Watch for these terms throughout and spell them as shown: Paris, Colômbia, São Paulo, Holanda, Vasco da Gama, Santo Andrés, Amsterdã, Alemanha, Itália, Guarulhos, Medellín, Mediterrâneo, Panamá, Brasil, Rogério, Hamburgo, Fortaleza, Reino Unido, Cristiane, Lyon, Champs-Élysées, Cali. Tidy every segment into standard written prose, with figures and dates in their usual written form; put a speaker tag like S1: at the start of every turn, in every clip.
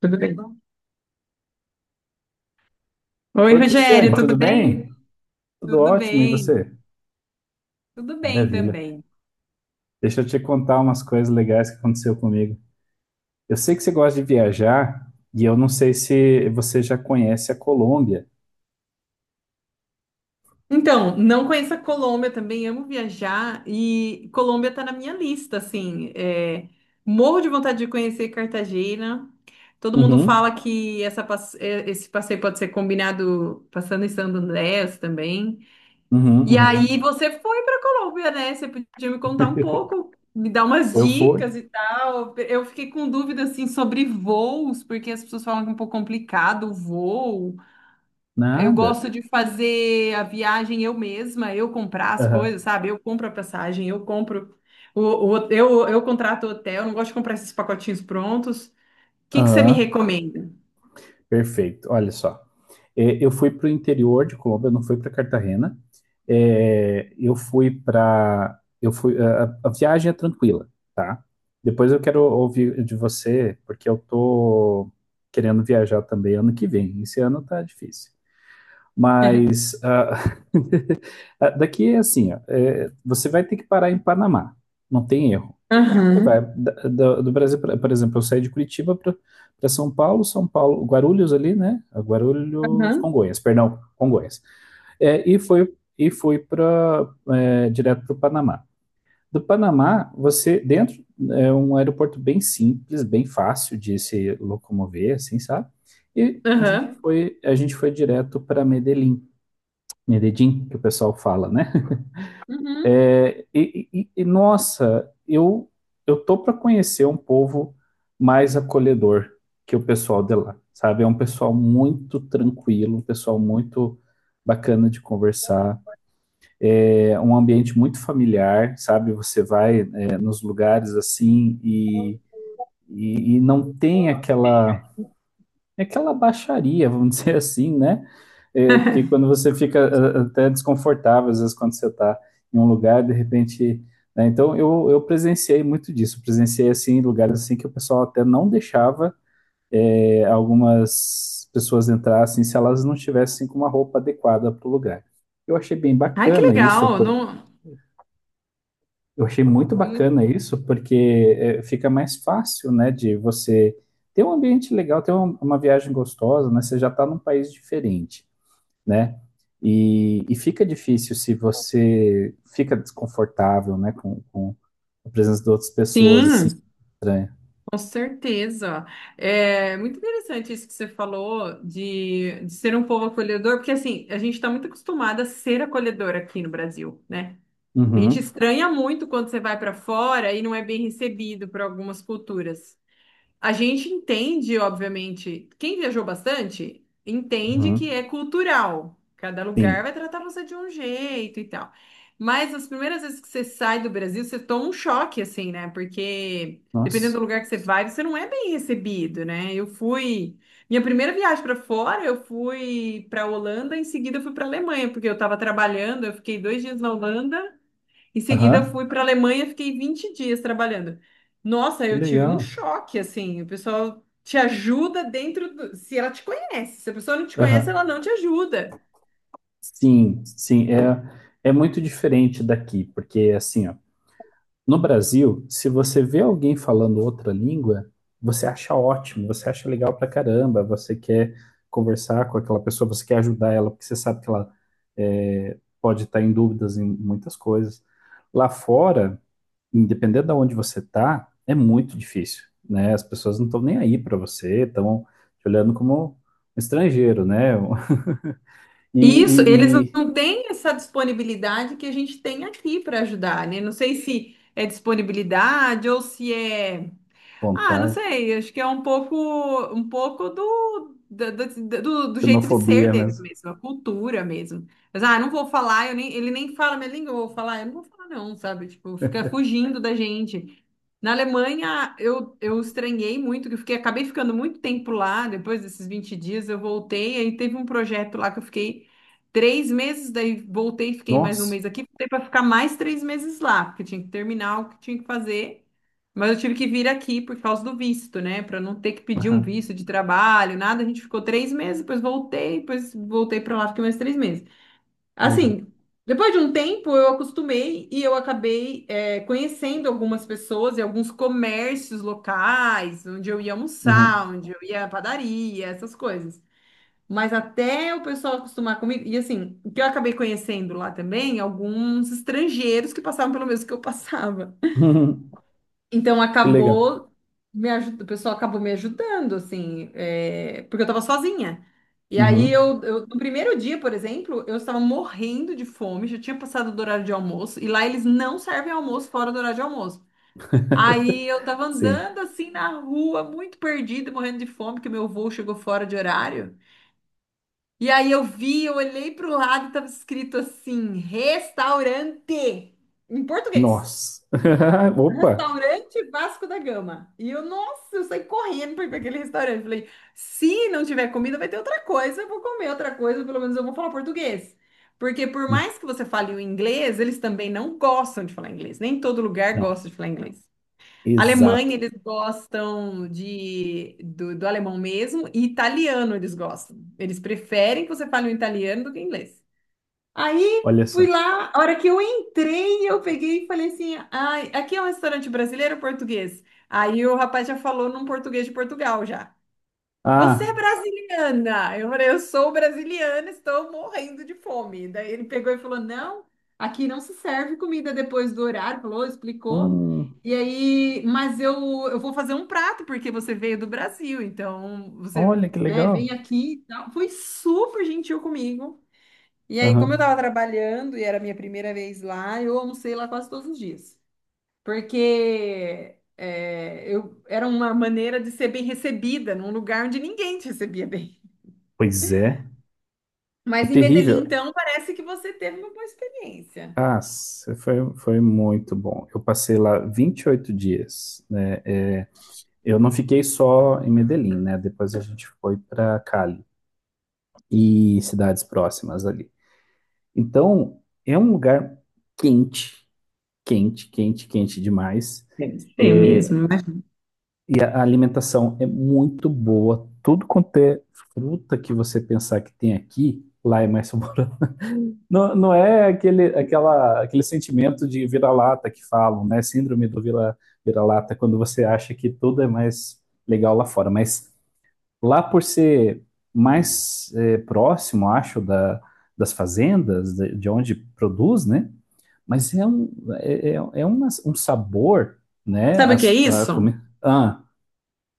S1: Tudo bem? Oi,
S2: Oi,
S1: Rogério,
S2: Cristiane,
S1: tudo
S2: tudo
S1: bem?
S2: bem? Tudo
S1: Tudo
S2: ótimo, e
S1: bem,
S2: você?
S1: tudo bem
S2: Maravilha.
S1: também.
S2: Deixa eu te contar umas coisas legais que aconteceu comigo. Eu sei que você gosta de viajar, e eu não sei se você já conhece a Colômbia.
S1: Então, não conheço a Colômbia também, amo viajar e Colômbia tá na minha lista, assim. Morro de vontade de conhecer Cartagena. Todo mundo fala
S2: Uhum,
S1: que esse passeio pode ser combinado passando em Santo Andrés também.
S2: uhum,
S1: E
S2: uhum.
S1: aí você foi para Colômbia, né? Você podia me contar um pouco, me dar umas
S2: Eu fui?
S1: dicas e tal. Eu fiquei com dúvida assim sobre voos, porque as pessoas falam que é um pouco complicado o voo. Eu
S2: Nada.
S1: gosto de fazer a viagem eu mesma, eu comprar as
S2: Aham.
S1: coisas, sabe? Eu compro a passagem, eu compro o, eu contrato o hotel, não gosto de comprar esses pacotinhos prontos. O que que você me
S2: Aham.
S1: recomenda?
S2: Perfeito. Olha só. É, eu fui para o interior de Colômbia, eu não fui para Cartagena. É, eu fui para, eu fui, a viagem é tranquila, tá? Depois eu quero ouvir de você, porque eu tô querendo viajar também ano que vem. Esse ano tá difícil. Mas daqui é assim, ó, é, você vai ter que parar em Panamá, não tem erro. Você vai
S1: Aham,
S2: do Brasil, pra, por exemplo, eu saí de Curitiba para São Paulo, São Paulo, Guarulhos ali, né? Guarulhos,
S1: aham,
S2: Congonhas, perdão, Congonhas. É, e foi para direto para o Panamá. Do Panamá, você dentro é um aeroporto bem simples, bem fácil de se locomover, assim, sabe? E a gente
S1: aham.
S2: foi a gente foi direto para Medellín, Medellín, que o pessoal fala, né?
S1: Uhum.
S2: É, e nossa, eu tô para conhecer um povo mais acolhedor que o pessoal de lá, sabe? É um pessoal muito tranquilo, um pessoal muito bacana de conversar, é um ambiente muito familiar, sabe? Você vai, é, nos lugares assim e não tem aquela, é aquela baixaria, vamos dizer assim, né? É, que quando você fica até desconfortável, às vezes, quando você está em um lugar, de repente, né? Então, eu presenciei muito disso. Presenciei, assim, lugares assim que o pessoal até não deixava algumas pessoas entrassem se elas não tivessem com uma roupa adequada para o lugar. Eu achei bem
S1: Ai, que
S2: bacana isso,
S1: legal! Não...
S2: eu achei muito
S1: Muito...
S2: bacana isso, porque fica mais fácil, né, de você ter um ambiente legal, ter uma viagem gostosa, né? Você já está num país diferente, né? E fica difícil se você fica desconfortável, né, com a presença de outras pessoas,
S1: Sim.
S2: assim, estranha.
S1: Com certeza. É muito interessante isso que você falou de ser um povo acolhedor, porque assim, a gente está muito acostumada a ser acolhedor aqui no Brasil, né? A gente
S2: Uhum,
S1: estranha muito quando você vai para fora e não é bem recebido por algumas culturas. A gente entende, obviamente, quem viajou bastante entende que
S2: uhum,
S1: é cultural. Cada lugar
S2: sim.
S1: vai tratar você de um jeito e tal. Mas as primeiras vezes que você sai do Brasil, você toma um choque, assim, né? Porque dependendo
S2: Nossa.
S1: do lugar que você vai, você não é bem recebido, né? Eu fui. Minha primeira viagem para fora, eu fui para Holanda, em seguida eu fui para Alemanha, porque eu estava trabalhando, eu fiquei dois dias na Holanda. Em seguida,
S2: Aham,
S1: fui para a Alemanha, fiquei 20 dias trabalhando. Nossa,
S2: que
S1: eu tive um
S2: legal.
S1: choque, assim. O pessoal te ajuda dentro do... Se ela te conhece. Se a pessoa não te conhece,
S2: Aham.
S1: ela não te ajuda.
S2: Sim, sim, é muito diferente daqui, porque, assim, ó. No Brasil, se você vê alguém falando outra língua, você acha ótimo, você acha legal pra caramba, você quer conversar com aquela pessoa, você quer ajudar ela, porque você sabe que ela pode estar em dúvidas em muitas coisas. Lá fora, independente de onde você tá, é muito difícil, né? As pessoas não estão nem aí pra você, estão te olhando como um estrangeiro, né? E, e,
S1: Isso, eles
S2: e-
S1: não têm essa disponibilidade que a gente tem aqui para ajudar, né? Não sei se é disponibilidade ou se é. Ah, não
S2: vontade,
S1: sei, acho que é um pouco do, da- da- da- do, do jeito de ser
S2: xenofobia
S1: deles
S2: mesmo.
S1: mesmo, a cultura mesmo. Mas, ah, não vou falar, eu nem, ele nem fala minha língua, eu vou falar, eu não vou falar não, sabe? Tipo, fica fugindo da gente. Na Alemanha, eu estranhei muito, que eu fiquei, acabei ficando muito tempo lá, depois desses 20 dias eu voltei, aí teve um projeto lá que eu fiquei 3 meses, daí voltei, fiquei mais um
S2: Nossa.
S1: mês aqui, voltei para ficar mais 3 meses lá, porque tinha que terminar o que tinha que fazer. Mas eu tive que vir aqui por causa do visto, né? Para não ter que pedir um
S2: Aham,
S1: visto de trabalho, nada. A gente ficou 3 meses, depois voltei para lá, fiquei mais 3 meses.
S2: legal.
S1: Assim, depois de um tempo eu acostumei e eu acabei conhecendo algumas pessoas e alguns comércios locais, onde eu ia
S2: Uhum.
S1: almoçar, onde eu ia à padaria, essas coisas. Mas até o pessoal acostumar comigo, e assim, o que eu acabei conhecendo lá também, alguns estrangeiros que passavam pelo mesmo que eu passava. Então
S2: Que legal.
S1: acabou me ajudando, o pessoal acabou me ajudando, assim, porque eu estava sozinha. E aí
S2: Uhum.
S1: no primeiro dia, por exemplo, eu estava morrendo de fome, já tinha passado do horário de almoço, e lá eles não servem almoço fora do horário de almoço. Aí eu estava
S2: Sim.
S1: andando assim na rua, muito perdida, morrendo de fome, que meu voo chegou fora de horário. E aí eu vi, eu olhei para o lado e estava escrito assim, restaurante, em português.
S2: Nossa. Opa.
S1: Restaurante Vasco da Gama. E eu, nossa, eu saí correndo para ir para aquele restaurante. Falei, se não tiver comida, vai ter outra coisa. Eu vou comer outra coisa, pelo menos eu vou falar português. Porque por mais que você fale o inglês, eles também não gostam de falar inglês. Nem todo lugar
S2: Não.
S1: gosta de falar inglês.
S2: Exato.
S1: Alemanha, eles gostam do alemão mesmo, e italiano eles gostam. Eles preferem que você fale o italiano do que o inglês. Aí
S2: Olha
S1: fui
S2: só.
S1: lá, a hora que eu entrei, eu peguei e falei assim: ai, aqui é um restaurante brasileiro ou português? Aí o rapaz já falou num português de Portugal já. Você é
S2: Ah.
S1: brasiliana? Eu falei, eu sou brasiliana, estou morrendo de fome. Daí ele pegou e falou: não, aqui não se serve comida depois do horário, falou, explicou.
S2: Hum.
S1: E aí, mas eu vou fazer um prato, porque você veio do Brasil, então você,
S2: Olha que
S1: né, vem
S2: legal.
S1: aqui e tal. Foi super gentil comigo. E aí, como eu estava
S2: Aham.
S1: trabalhando e era a minha primeira vez lá, eu almocei lá quase todos os dias. Porque era uma maneira de ser bem recebida num lugar onde ninguém te recebia bem.
S2: Pois é. É
S1: Mas em Medellín,
S2: terrível.
S1: então, parece que você teve uma boa experiência.
S2: Ah, foi muito bom. Eu passei lá 28 dias, né? É, eu não fiquei só em Medellín, né? Depois a gente foi para Cali e cidades próximas ali. Então, é um lugar quente, quente, quente, quente demais.
S1: Deve ser
S2: É,
S1: mesmo.
S2: e a alimentação é muito boa. Tudo quanto é fruta que você pensar que tem aqui, lá é mais saboroso. Não, não é aquele, aquela, aquele sentimento de vira-lata que falam, né? Síndrome do vira, vira-lata, quando você acha que tudo é mais legal lá fora. Mas lá por ser mais próximo, acho, das fazendas, de onde produz, né? Mas um sabor, né?
S1: Sabe o que é
S2: As, a,
S1: isso?
S2: comi- ah,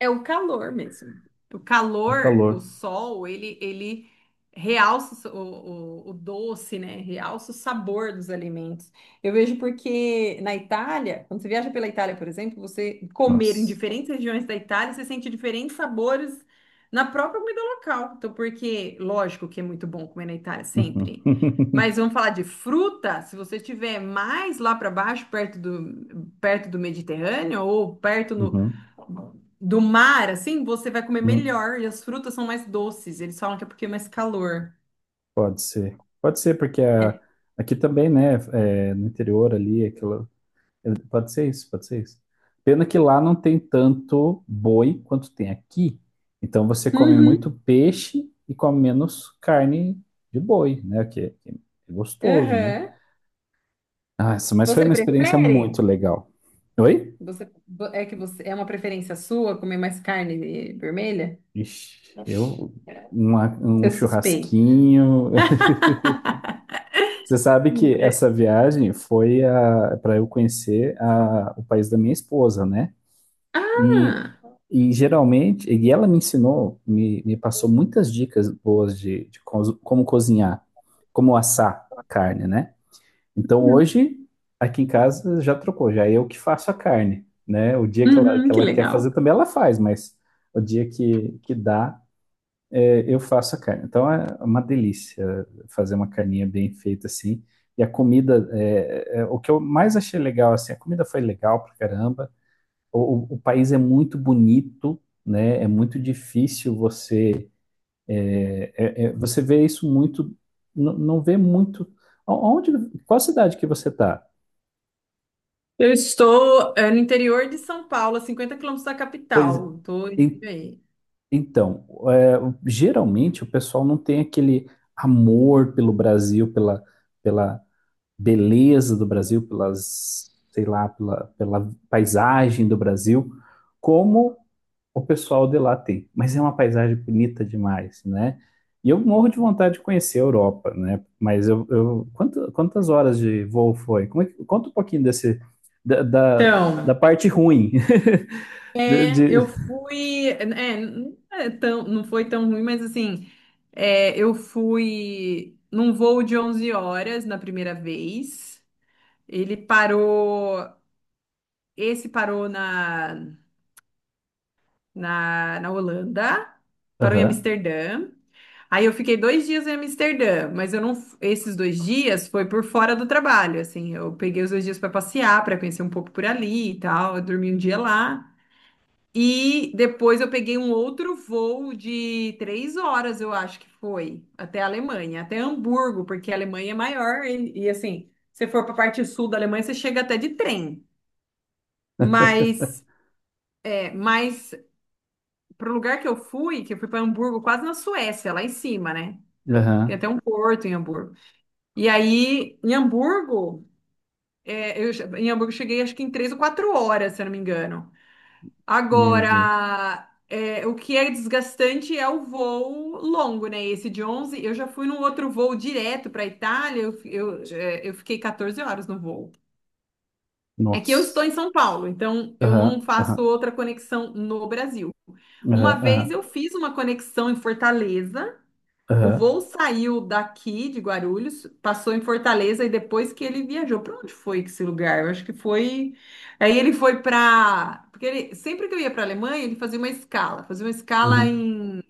S1: É o calor mesmo. O
S2: É o
S1: calor,
S2: calor.
S1: o sol, ele realça o doce, né? Realça o sabor dos alimentos. Eu vejo porque na Itália, quando você viaja pela Itália, por exemplo, você comer em
S2: Nossa.
S1: diferentes regiões da Itália, você sente diferentes sabores na própria comida local. Então, porque, lógico que é muito bom comer na Itália, sempre. Mas
S2: Uhum.
S1: vamos falar de fruta, se você estiver mais lá para baixo, perto do Mediterrâneo ou perto no
S2: Uhum.
S1: do mar, assim, você vai comer
S2: Uhum.
S1: melhor e as frutas são mais doces. Eles falam que é porque é mais calor.
S2: Pode ser. Pode ser, porque aqui também, né, é, no interior ali, aquela, pode ser isso, pode ser isso. Pena que lá não tem tanto boi quanto tem aqui. Então você come muito
S1: Uhum,
S2: peixe e come menos carne de boi, né? Que é gostoso, né?
S1: aham.
S2: Nossa, mas foi
S1: Você
S2: uma experiência
S1: prefere?
S2: muito legal. Oi?
S1: Você É que você é uma preferência sua comer mais carne vermelha?
S2: Ixi, um
S1: Você suspeita.
S2: churrasquinho. Você sabe que essa viagem foi para eu conhecer o país da minha esposa, né? E,
S1: Ah,
S2: e geralmente, e ela me ensinou, me passou muitas dicas boas de como cozinhar, como assar carne, né? Então hoje, aqui em casa já trocou, já é eu que faço a carne, né? O dia que ela,
S1: uhum,
S2: que
S1: que
S2: ela quer
S1: legal.
S2: fazer também ela faz, mas o dia que dá, eu faço a carne. Então é uma delícia fazer uma carninha bem feita assim. E a comida, o que eu mais achei legal, assim, a comida foi legal pra caramba. O, o país é muito bonito, né? É muito difícil você. Você vê isso muito. Não vê muito. O- Onde, Qual cidade que você tá?
S1: Eu estou, no interior de São Paulo, a 50 quilômetros da
S2: Pois
S1: capital. Estou indo
S2: en-
S1: aí.
S2: então, geralmente o pessoal não tem aquele amor pelo Brasil, pela beleza do Brasil, pelas, sei lá, pela paisagem do Brasil, como o pessoal de lá tem. Mas é uma paisagem bonita demais, né? E eu morro de vontade de conhecer a Europa, né? Mas eu quantas horas de voo foi? Conta um pouquinho desse, da, da,
S1: Então,
S2: da parte ruim de, de-
S1: Eu fui, não foi tão ruim, mas assim, eu fui num voo de 11 horas na primeira vez. Ele parou, esse parou na, na Holanda, parou em
S2: Aham,
S1: Amsterdã. Aí eu fiquei 2 dias em Amsterdã, mas eu não, esses 2 dias foi por fora do trabalho, assim, eu peguei os 2 dias para passear, para conhecer um pouco por ali e tal, eu dormi um dia lá. E depois eu peguei um outro voo de 3 horas, eu acho que foi, até a Alemanha, até Hamburgo, porque a Alemanha é maior e, assim, se for para a parte sul da Alemanha, você chega até de trem. Mas, mas para o lugar que eu fui, para Hamburgo, quase na Suécia, lá em cima, né? Tem até
S2: aham,
S1: um porto em Hamburgo. E aí, em Hamburgo, em Hamburgo eu cheguei acho que em 3 ou 4 horas, se eu não me engano.
S2: meu Deus,
S1: Agora, o que é desgastante é o voo longo, né? Esse de 11. eu, já fui num outro voo direto para a Itália, eu, fi- eu, é, eu fiquei 14 horas no voo. É que eu estou
S2: nossa,
S1: em São Paulo, então eu não
S2: aham,
S1: faço
S2: aham,
S1: outra conexão no Brasil. Uma
S2: aham,
S1: vez
S2: aham,
S1: eu fiz uma conexão em Fortaleza, o
S2: aham,
S1: voo saiu daqui de Guarulhos, passou em Fortaleza e depois que ele viajou, para onde foi esse lugar? Eu acho que foi. Aí ele foi para, porque ele, sempre que eu ia para Alemanha ele fazia uma escala
S2: uhum,
S1: em,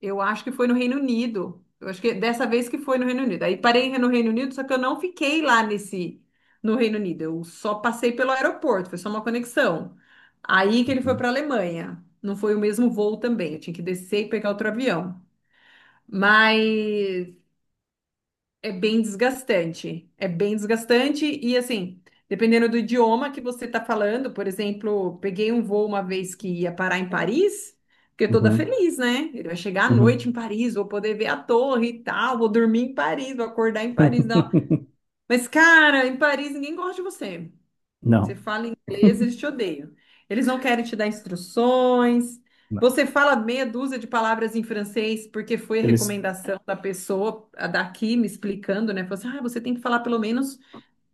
S1: eu acho que foi no Reino Unido. Eu acho que dessa vez que foi no Reino Unido. Aí parei no Reino Unido, só que eu não fiquei lá nesse no Reino Unido. Eu só passei pelo aeroporto, foi só uma conexão. Aí que ele foi
S2: uhum,
S1: para Alemanha. Não foi o mesmo voo também. Eu tinha que descer e pegar outro avião. Mas é bem desgastante. É bem desgastante e assim, dependendo do idioma que você está falando, por exemplo, peguei um voo uma vez que ia parar em Paris, fiquei toda
S2: uhum,
S1: feliz, né? Ele vai chegar à noite em
S2: uhum.
S1: Paris, vou poder ver a torre e tal, vou dormir em Paris, vou acordar em Paris, não. Mas, cara, em Paris ninguém gosta de você. Você
S2: Não.
S1: fala inglês, eles te odeiam. Eles não querem te dar instruções.
S2: Não.
S1: Você fala meia dúzia de palavras em francês porque foi a
S2: Eles.
S1: recomendação da pessoa a daqui me explicando, né? Falou assim, ah, você tem que falar pelo menos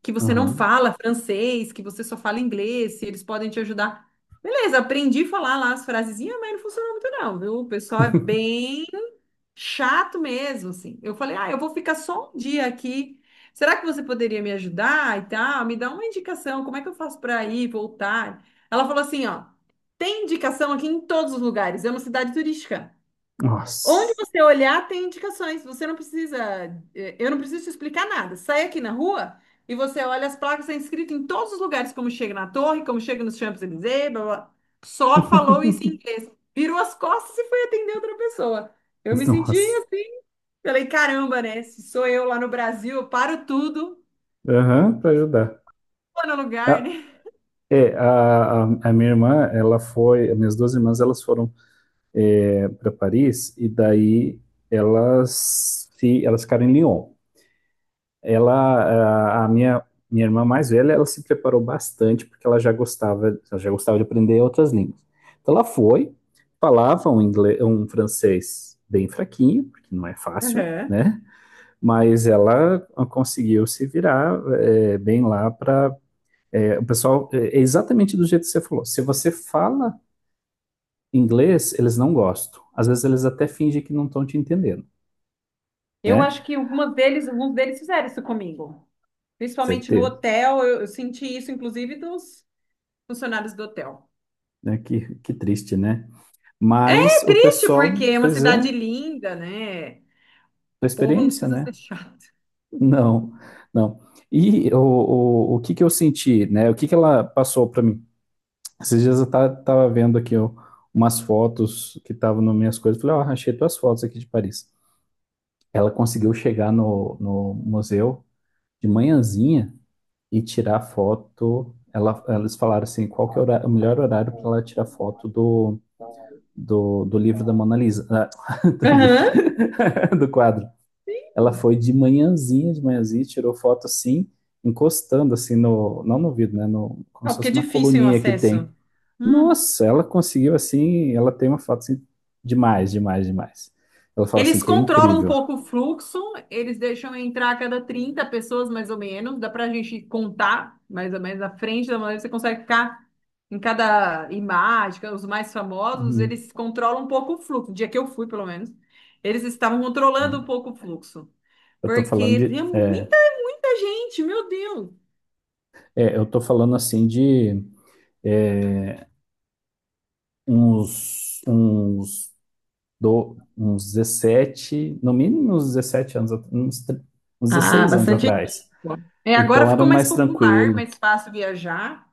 S1: que você não
S2: Aham.
S1: fala francês, que você só fala inglês, se eles podem te ajudar. Beleza, aprendi a falar lá as frasezinhas, mas não funcionou muito não, viu? O pessoal é bem chato mesmo, assim. Eu falei, ah, eu vou ficar só um dia aqui. Será que você poderia me ajudar e tal? Me dá uma indicação, como é que eu faço para ir, voltar? Ela falou assim, ó, tem indicação aqui em todos os lugares, é uma cidade turística. Onde
S2: Nossa.
S1: você olhar tem indicações. Você não precisa, eu não preciso te explicar nada. Sai aqui na rua e você olha as placas, está escrito em todos os lugares, como chega na torre, como chega nos Champs-Élysées, blá, blá. Só falou isso em inglês. Virou as costas e foi atender outra pessoa. Eu me senti
S2: Nossa.
S1: assim. Falei, caramba, né? Se sou eu lá no Brasil, eu paro tudo,
S2: Aham, pra ajudar.
S1: vou no lugar,
S2: Ah,
S1: né?
S2: a minha irmã, ela foi. As minhas duas irmãs, elas foram para Paris e daí elas, se, elas ficaram em Lyon. Ela, a minha, minha irmã mais velha, ela se preparou bastante porque ela já gostava de aprender outras línguas. Então ela foi, falava um inglês, um francês bem fraquinho, porque não é fácil,
S1: Aham.
S2: né? Mas ela conseguiu se virar bem lá para o pessoal. É exatamente do jeito que você falou. Se você fala inglês, eles não gostam. Às vezes eles até fingem que não estão te entendendo,
S1: Eu
S2: né?
S1: acho que alguns deles fizeram isso comigo. Principalmente no
S2: Certeza,
S1: hotel, eu senti isso, inclusive, dos funcionários do hotel.
S2: né? Que triste, né? Mas o
S1: Triste
S2: pessoal,
S1: porque é uma
S2: pois
S1: cidade
S2: é,
S1: linda, né? O
S2: a
S1: povo não
S2: experiência,
S1: precisa
S2: né?
S1: ser chato.
S2: Não, não. E o que que eu senti, né? O que que ela passou para mim? Esses dias eu tava vendo aqui ó, umas fotos que estavam nas minhas coisas. Falei, ó, achei tuas fotos aqui de Paris. Ela conseguiu chegar no museu de manhãzinha e tirar foto. Eles falaram assim, qual que é o melhor horário para ela tirar foto do livro da Mona Lisa. Ah, do livro,
S1: Aham.
S2: do quadro. Ela foi de manhãzinha, tirou foto assim, encostando assim não no vidro, né, como
S1: Ah,
S2: se
S1: porque é
S2: fosse uma
S1: difícil o
S2: coluninha que tem.
S1: acesso. Hum.
S2: Nossa, ela conseguiu assim, ela tem uma foto assim, demais, demais, demais. Ela fala assim
S1: Eles
S2: que é
S1: controlam um
S2: incrível.
S1: pouco o fluxo, eles deixam entrar a cada 30 pessoas, mais ou menos. Dá pra gente contar, mais ou menos, na frente da maneira que você consegue ficar em cada imagem, os mais famosos,
S2: Uhum.
S1: eles controlam um pouco o fluxo. No dia que eu fui, pelo menos, eles estavam controlando um
S2: É,
S1: pouco o fluxo.
S2: eu tô falando
S1: Porque tinha
S2: de, é,
S1: muita, muita gente, meu Deus!
S2: eu tô falando assim de, é, uns, uns, uns 17, no mínimo uns 17 anos, uns
S1: Ah,
S2: 16 anos
S1: bastante tempo.
S2: atrás.
S1: É, agora
S2: Então era
S1: ficou mais
S2: mais
S1: popular,
S2: tranquilo,
S1: mais fácil viajar.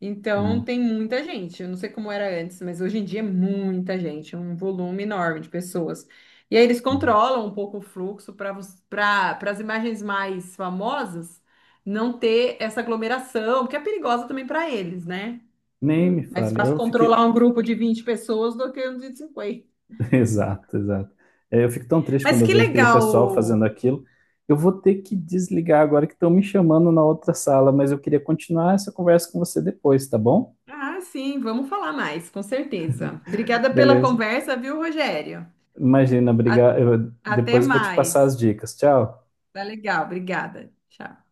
S1: Então
S2: né?
S1: tem muita gente. Eu não sei como era antes, mas hoje em dia é muita gente, é um volume enorme de pessoas. E aí eles controlam um pouco o fluxo para as imagens mais famosas não ter essa aglomeração, porque é perigosa também para eles, né?
S2: Nem me
S1: Hum. Mais
S2: fale.
S1: fácil
S2: Eu fiquei.
S1: controlar um grupo de 20 pessoas do que um de 50.
S2: Exato, exato. É, eu fico tão triste
S1: Mas
S2: quando eu
S1: que
S2: vejo aquele pessoal fazendo
S1: legal.
S2: aquilo. Eu vou ter que desligar agora que estão me chamando na outra sala, mas eu queria continuar essa conversa com você depois, tá bom?
S1: Ah, sim, vamos falar mais, com certeza. Obrigada pela
S2: Beleza.
S1: conversa, viu, Rogério?
S2: Imagina, obrigado.
S1: Até
S2: Depois eu vou te passar as
S1: mais.
S2: dicas. Tchau.
S1: Tá legal, obrigada. Tchau.